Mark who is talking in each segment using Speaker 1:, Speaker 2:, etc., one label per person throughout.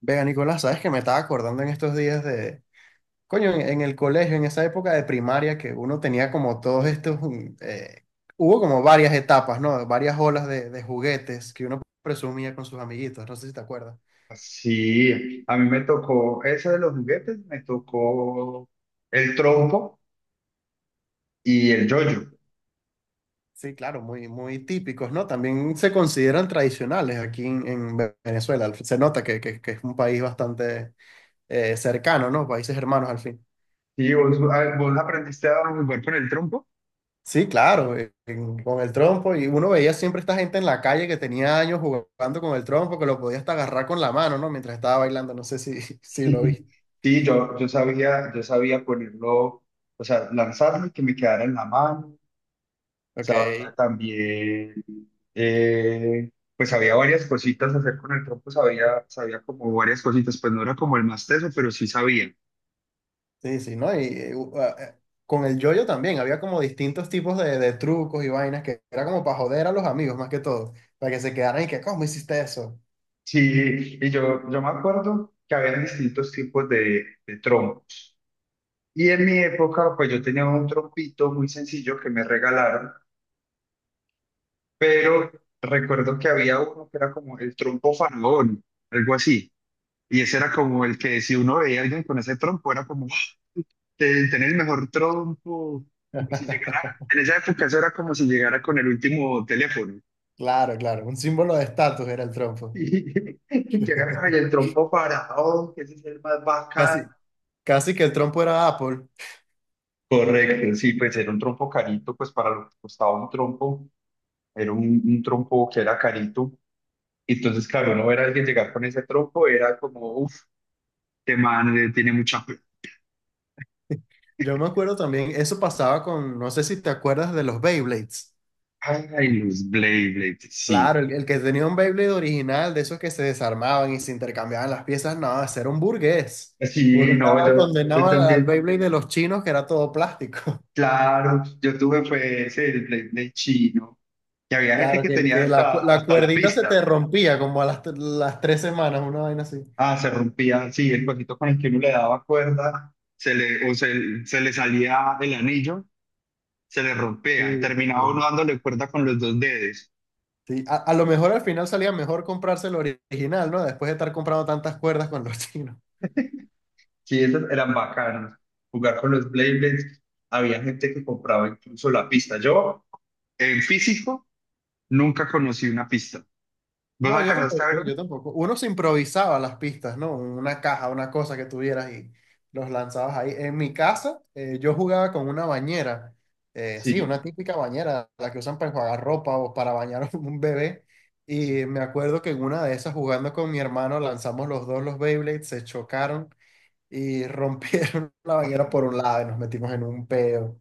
Speaker 1: Vega, Nicolás, sabes que me estaba acordando en estos días de, en el colegio, en esa época de primaria que uno tenía como todos estos, hubo como varias etapas, ¿no? Varias olas de juguetes que uno presumía con sus amiguitos, no sé si te acuerdas.
Speaker 2: Sí, a mí me tocó, ese de los juguetes, me tocó el trompo y el yoyo.
Speaker 1: Sí, claro, muy, muy típicos, ¿no? También se consideran tradicionales aquí en Venezuela. Se nota que es un país bastante cercano, ¿no? Países hermanos al fin.
Speaker 2: Sí, vos, vos aprendiste a jugar con el trompo.
Speaker 1: Sí, claro, con el trompo. Y uno veía siempre esta gente en la calle que tenía años jugando con el trompo, que lo podía hasta agarrar con la mano, ¿no? Mientras estaba bailando, no sé si, si lo viste.
Speaker 2: Sí, yo sabía ponerlo, o sea, lanzarlo y que me quedara en la mano. Sabía
Speaker 1: Ok.
Speaker 2: también, eh, pues había varias cositas hacer con el trompo, sabía como varias cositas, pues no era como el más teso, pero sí sabía.
Speaker 1: Sí, sí, ¿no? Y con el yoyo también, había como distintos tipos de trucos y vainas que era como para joder a los amigos más que todo, para que se quedaran y que, ¿cómo hiciste eso?
Speaker 2: Sí, y yo me acuerdo que había distintos tipos de trompos. Y en mi época, pues yo tenía un trompito muy sencillo que me regalaron, pero recuerdo que había uno que era como el trompo faraón, algo así. Y ese era como el que si uno veía a alguien con ese trompo, era como tener el mejor trompo, como si llegara, en esa época eso era como si llegara con el último teléfono.
Speaker 1: Claro, claro, un símbolo de estatus era el trompo.
Speaker 2: Y que agarra, "Ay, el trompo faraón, que ese es el más bacán".
Speaker 1: Casi, casi que el trompo era Apple.
Speaker 2: Correcto, sí, pues era un trompo carito, pues para lo que costaba un trompo, era un trompo que era carito. Entonces, claro, no era alguien llegar con ese trompo, era como, uff, este man tiene mucha plata.
Speaker 1: Yo me acuerdo también, eso pasaba con, no sé si te acuerdas de los Beyblades.
Speaker 2: Ay, los Blade, Blade, sí.
Speaker 1: Claro, el que tenía un Beyblade original, de esos que se desarmaban y se intercambiaban las piezas, no, ese era un burgués. Uno
Speaker 2: Sí, no,
Speaker 1: estaba
Speaker 2: yo,
Speaker 1: condenado
Speaker 2: yo
Speaker 1: al
Speaker 2: también,
Speaker 1: Beyblade de los chinos, que era todo plástico.
Speaker 2: claro, yo tuve fue ese, el Blade Blade chino, que había gente
Speaker 1: Claro,
Speaker 2: que
Speaker 1: que,
Speaker 2: tenía
Speaker 1: que la, cu-
Speaker 2: hasta,
Speaker 1: la
Speaker 2: hasta la
Speaker 1: cuerdita se te
Speaker 2: pista.
Speaker 1: rompía como a las tres semanas, una vaina así.
Speaker 2: Ah, se rompía, sí, el cosito con el que uno le daba cuerda, se le salía el anillo, se le rompea y
Speaker 1: Sí,
Speaker 2: terminaba uno
Speaker 1: sí.
Speaker 2: dándole cuerda con los dos dedos.
Speaker 1: Sí, a lo mejor al final salía mejor comprarse el original, ¿no? Después de estar comprando tantas cuerdas con los chinos.
Speaker 2: Sí, esos eran bacanos. Jugar con los Beyblades, había gente que compraba incluso la pista. Yo, en físico, nunca conocí una pista. ¿Vos
Speaker 1: No, yo
Speaker 2: alcanzaste a ver
Speaker 1: tampoco, yo
Speaker 2: una?
Speaker 1: tampoco. Uno se improvisaba las pistas, ¿no? Una caja, una cosa que tuvieras y los lanzabas ahí. En mi casa, yo jugaba con una bañera, sí, una
Speaker 2: Sí,
Speaker 1: típica bañera, la que usan para enjuagar ropa o para bañar a un bebé.
Speaker 2: sí.
Speaker 1: Y me acuerdo que en una de esas, jugando con mi hermano, lanzamos los dos los Beyblades, se chocaron y rompieron la bañera por un lado y nos metimos en un peo.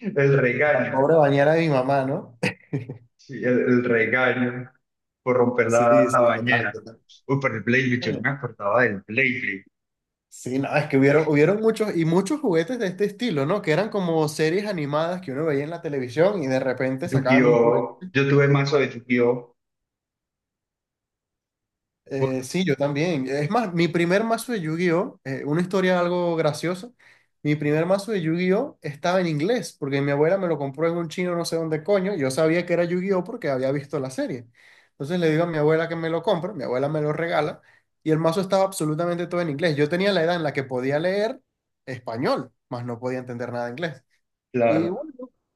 Speaker 2: El
Speaker 1: La
Speaker 2: regaño,
Speaker 1: pobre bañera de mi mamá, ¿no?
Speaker 2: sí, el regaño por romper
Speaker 1: Sí,
Speaker 2: la
Speaker 1: sí, total,
Speaker 2: bañera.
Speaker 1: total.
Speaker 2: Uy, pero el Beyblade, yo no me acordaba del Beyblade.
Speaker 1: Sí, nada es que hubieron, hubieron muchos y muchos juguetes de este estilo, ¿no? Que eran como series animadas que uno veía en la televisión y de repente sacaban un
Speaker 2: ¡Yu-Gi-Oh!
Speaker 1: juguete.
Speaker 2: Yo tuve mazo de Yu-Gi-Oh.
Speaker 1: Sí, yo también. Es más, mi primer mazo de Yu-Gi-Oh, una historia algo graciosa, mi primer mazo de Yu-Gi-Oh estaba en inglés porque mi abuela me lo compró en un chino no sé dónde coño. Y yo sabía que era Yu-Gi-Oh porque había visto la serie. Entonces le digo a mi abuela que me lo compre, mi abuela me lo regala y el mazo estaba absolutamente todo en inglés. Yo tenía la edad en la que podía leer español, mas no podía entender nada de inglés. Y
Speaker 2: Claro,
Speaker 1: bueno,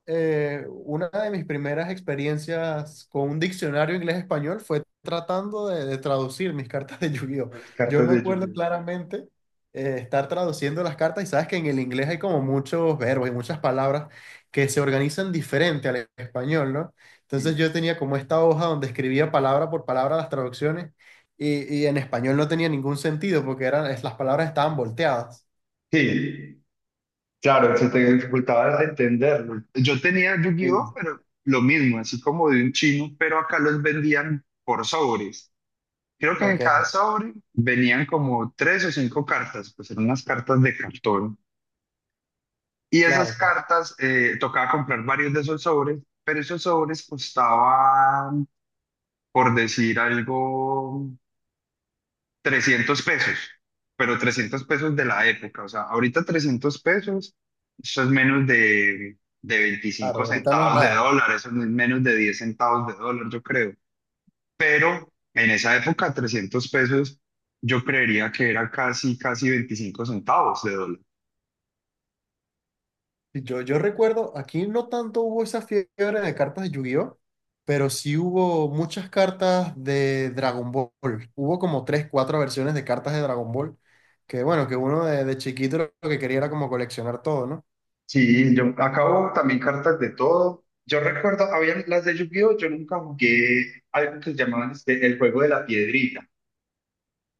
Speaker 1: una de mis primeras experiencias con un diccionario inglés-español fue tratando de traducir mis cartas de Yu-Gi-Oh!
Speaker 2: las
Speaker 1: Yo
Speaker 2: cartas
Speaker 1: me
Speaker 2: de
Speaker 1: acuerdo
Speaker 2: Yu-Gi-Oh.
Speaker 1: claramente estar traduciendo las cartas y sabes que en el inglés hay como muchos verbos y muchas palabras que se organizan diferente al español, ¿no?
Speaker 2: Sí.
Speaker 1: Entonces yo tenía como esta hoja donde escribía palabra por palabra las traducciones y en español no tenía ningún sentido porque las palabras estaban volteadas.
Speaker 2: Sí. Claro, se te dificultaba entenderlo. Yo tenía Yu-Gi-Oh,
Speaker 1: Sí.
Speaker 2: pero lo mismo, así como de un chino, pero acá los vendían por sobres. Creo que en cada
Speaker 1: Ok,
Speaker 2: sobre venían como tres o cinco cartas, pues eran unas cartas de cartón. Y esas
Speaker 1: claro, claro,
Speaker 2: cartas, tocaba comprar varios de esos sobres, pero esos sobres costaban, por decir algo, 300 pesos, pero 300 pesos de la época, o sea, ahorita 300 pesos, eso es menos de
Speaker 1: claro,
Speaker 2: 25
Speaker 1: ahorita no es
Speaker 2: centavos de
Speaker 1: nada.
Speaker 2: dólar, eso no es menos de 10 centavos de dólar, yo creo, pero en esa época 300 pesos, yo creería que era casi, casi 25 centavos de dólar.
Speaker 1: Yo recuerdo, aquí no tanto hubo esa fiebre de cartas de Yu-Gi-Oh, pero sí hubo muchas cartas de Dragon Ball. Hubo como tres, cuatro versiones de cartas de Dragon Ball, que bueno, que uno de chiquito lo que quería era como coleccionar todo, ¿no?
Speaker 2: Sí, yo acabo también cartas de todo. Yo recuerdo, había las de Yu-Gi-Oh, yo nunca jugué algo que llamaban este, el juego de la piedrita.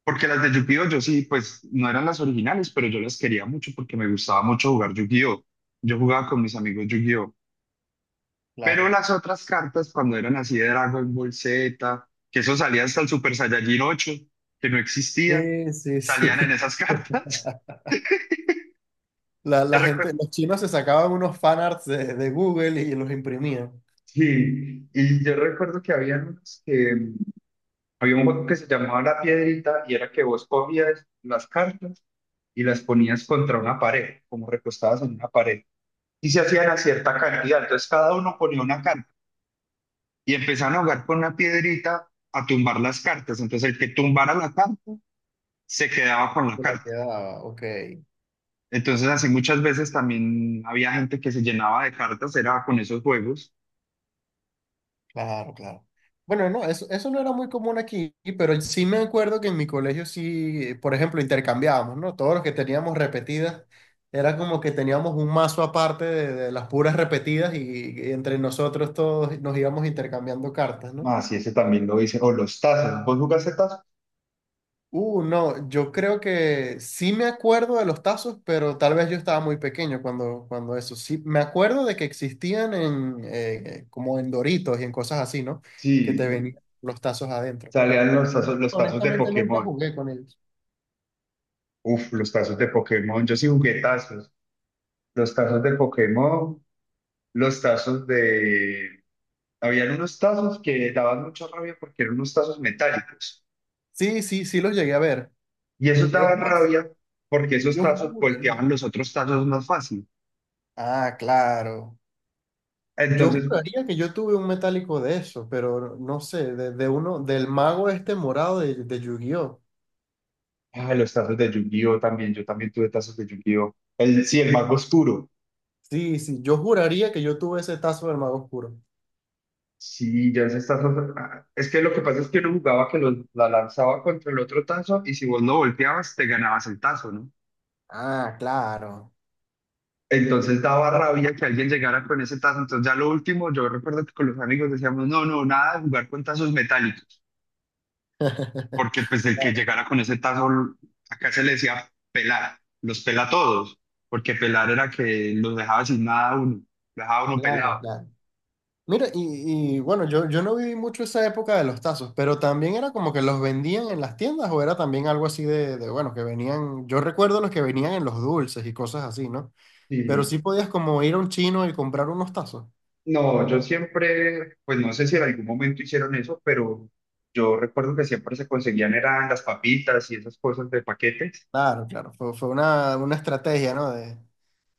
Speaker 2: Porque las de Yu-Gi-Oh yo sí, pues no eran las originales, pero yo las quería mucho porque me gustaba mucho jugar Yu-Gi-Oh. Yo jugaba con mis amigos Yu-Gi-Oh. Pero
Speaker 1: Claro.
Speaker 2: las otras cartas, cuando eran así de Dragon Ball Z, que eso salía hasta el Super Saiyajin 8, que no existía,
Speaker 1: Sí, sí, sí.
Speaker 2: salían en esas cartas.
Speaker 1: La,
Speaker 2: Yo
Speaker 1: la gente,
Speaker 2: recuerdo,
Speaker 1: los chinos se sacaban unos fanarts de Google y los imprimían.
Speaker 2: sí, y yo recuerdo que había unos que, había un juego que se llamaba La Piedrita y era que vos cogías las cartas y las ponías contra una pared, como recostadas en una pared. Y se hacían a cierta cantidad. Entonces cada uno ponía una carta y empezaban a jugar con una piedrita a tumbar las cartas. Entonces el que tumbara la carta se quedaba con la
Speaker 1: Se la
Speaker 2: carta.
Speaker 1: quedaba, ok.
Speaker 2: Entonces así muchas veces también había gente que se llenaba de cartas, era con esos juegos.
Speaker 1: Claro, claro. Bueno, no, eso no era muy común aquí, pero sí me acuerdo que en mi colegio sí, por ejemplo, intercambiábamos, ¿no? Todos los que teníamos repetidas, era como que teníamos un mazo aparte de las puras repetidas y entre nosotros todos nos íbamos intercambiando cartas, ¿no?
Speaker 2: Ah, sí, ese también lo hice. O los tazos. ¿Vos jugaste tazos?
Speaker 1: No, yo creo que sí me acuerdo de los tazos, pero tal vez yo estaba muy pequeño cuando, cuando eso. Sí, me acuerdo de que existían en, como en Doritos y en cosas así, ¿no? Que
Speaker 2: Sí,
Speaker 1: te venían los tazos adentro.
Speaker 2: salían los tazos de
Speaker 1: Honestamente nunca
Speaker 2: Pokémon.
Speaker 1: jugué con ellos.
Speaker 2: Uf, los tazos de Pokémon. Yo sí jugué tazos. Los tazos de Pokémon, los tazos de, habían unos tazos que daban mucha rabia porque eran unos tazos metálicos.
Speaker 1: Sí, sí, sí los llegué a ver.
Speaker 2: Y esos
Speaker 1: Es
Speaker 2: daban
Speaker 1: más,
Speaker 2: rabia porque esos
Speaker 1: yo
Speaker 2: tazos
Speaker 1: juraría.
Speaker 2: golpeaban los otros tazos más fácil.
Speaker 1: Ah, claro. Yo
Speaker 2: Entonces,
Speaker 1: juraría que yo tuve un metálico de eso, pero no sé, de uno, del mago este morado de Yu-Gi-Oh!
Speaker 2: ah, los tazos de Yu-Gi-Oh también, yo también tuve tazos de Yu-Gi-Oh. Sí, el mago oscuro.
Speaker 1: Sí, sí, yo juraría que yo tuve ese tazo del mago oscuro.
Speaker 2: Sí, ya esos tazos. Ah, es que lo que pasa es que uno jugaba que la lanzaba contra el otro tazo y si vos no volteabas, te ganabas el tazo, ¿no?
Speaker 1: Ah, claro.
Speaker 2: Entonces daba rabia que alguien llegara con ese tazo. Entonces, ya lo último, yo recuerdo que con los amigos decíamos, no, no, nada de jugar con tazos metálicos. Porque pues el que
Speaker 1: Claro,
Speaker 2: llegara con ese tazo, acá se le decía pelar, los pela a todos, porque pelar era que los dejaba sin nada a uno, lo dejaba a uno
Speaker 1: claro,
Speaker 2: pelado.
Speaker 1: claro. Mira, y bueno, yo no viví mucho esa época de los tazos, pero también era como que los vendían en las tiendas o era también algo así bueno, que venían, yo recuerdo los que venían en los dulces y cosas así, ¿no? Pero
Speaker 2: Sí.
Speaker 1: sí podías como ir a un chino y comprar unos tazos.
Speaker 2: No, yo siempre, pues no sé si en algún momento hicieron eso, pero yo recuerdo que siempre se conseguían eran las papitas y esas cosas de paquetes.
Speaker 1: Claro, claro, fue, fue una estrategia, ¿no?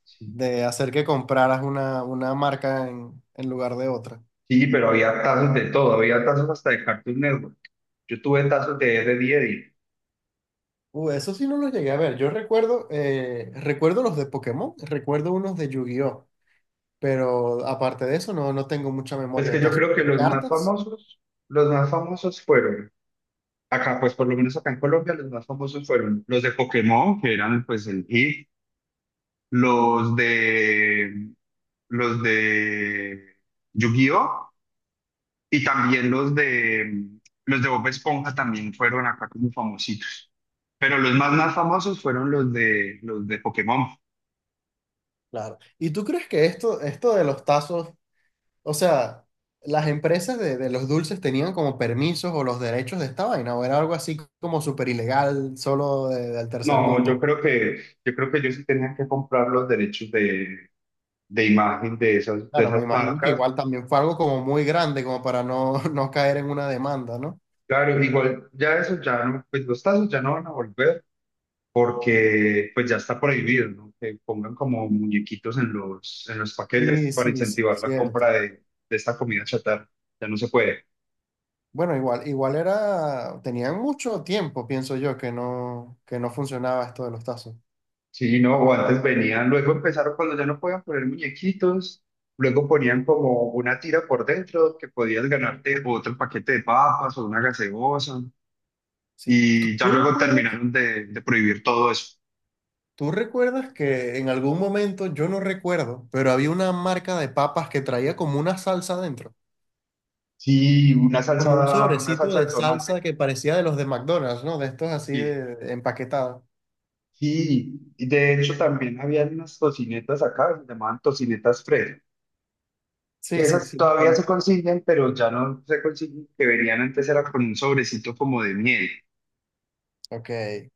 Speaker 2: Sí.
Speaker 1: De hacer que compraras una marca en lugar de otra.
Speaker 2: Sí, pero había tazos de todo, había tazos hasta de Cartoon Network. Yo tuve tazos de Ed, Eddy Eddy.
Speaker 1: Eso sí no los llegué a ver. Yo recuerdo, recuerdo los de Pokémon, recuerdo unos de Yu-Gi-Oh! Pero aparte de eso, no, no tengo mucha
Speaker 2: Es
Speaker 1: memoria de
Speaker 2: que yo
Speaker 1: tazos.
Speaker 2: creo que
Speaker 1: ¿De cartas?
Speaker 2: los más famosos fueron... Acá, pues por lo menos acá en Colombia, los más famosos fueron los de Pokémon, que eran pues el hit, los de los de Yu-Gi-Oh y también los de Bob Esponja también fueron acá como famositos. Pero los más más famosos fueron los de Pokémon.
Speaker 1: Claro. ¿Y tú crees que esto de los tazos, o sea, las empresas de los dulces tenían como permisos o los derechos de esta vaina, o era algo así como súper ilegal, solo del tercer
Speaker 2: No, yo
Speaker 1: mundo?
Speaker 2: creo que yo sí tenía que comprar los derechos de imagen de esas
Speaker 1: Claro, me imagino que
Speaker 2: marcas.
Speaker 1: igual también fue algo como muy grande, como para no, no caer en una demanda, ¿no?
Speaker 2: Claro, igual ya eso ya no, pues los tazos ya no van a volver porque pues ya está prohibido, ¿no? Que pongan como muñequitos en los
Speaker 1: Sí,
Speaker 2: paquetes para
Speaker 1: sí, sí,
Speaker 2: incentivar la
Speaker 1: cierto.
Speaker 2: compra de esta comida chatarra. Ya no se puede.
Speaker 1: Bueno, igual, igual era, tenían mucho tiempo, pienso yo, que no funcionaba esto de los tazos.
Speaker 2: Sí, no, o antes venían, luego empezaron cuando ya no podían poner muñequitos, luego ponían como una tira por dentro que podías ganarte otro paquete de papas o una gaseosa,
Speaker 1: Sí. ¿Tú,
Speaker 2: y ya
Speaker 1: tú
Speaker 2: luego
Speaker 1: recuerdas?
Speaker 2: terminaron de prohibir todo eso.
Speaker 1: ¿Tú recuerdas que en algún momento, yo no recuerdo, pero había una marca de papas que traía como una salsa dentro?
Speaker 2: Sí,
Speaker 1: Como un
Speaker 2: una
Speaker 1: sobrecito
Speaker 2: salsa
Speaker 1: de
Speaker 2: de tomate.
Speaker 1: salsa que parecía de los de McDonald's, ¿no? De estos así
Speaker 2: Y
Speaker 1: de empaquetados.
Speaker 2: Sí, y de hecho también habían unas tocinetas acá, se llamaban tocinetas Fred,
Speaker 1: Sí,
Speaker 2: que
Speaker 1: sí,
Speaker 2: esas
Speaker 1: sí, los
Speaker 2: todavía se
Speaker 1: conozco.
Speaker 2: consiguen, pero ya no se consiguen, que venían antes era con un sobrecito como de miel,
Speaker 1: Ok.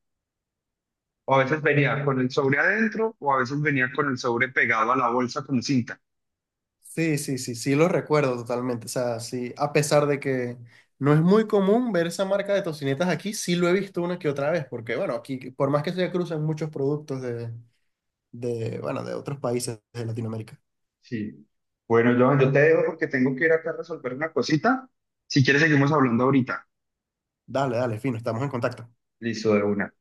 Speaker 2: o a veces venía con el sobre adentro, o a veces venía con el sobre pegado a la bolsa con cinta.
Speaker 1: Sí, sí, sí, sí, lo recuerdo totalmente. O sea, sí, a pesar de que no es muy común ver esa marca de tocinetas aquí, sí lo he visto una que otra vez, porque bueno, aquí, por más que se cruzan muchos productos bueno, de otros países de Latinoamérica.
Speaker 2: Sí. Bueno, Johan, yo te dejo porque tengo que ir acá a resolver una cosita. Si quieres, seguimos hablando ahorita.
Speaker 1: Dale, dale, fino, estamos en contacto.
Speaker 2: Listo, de una.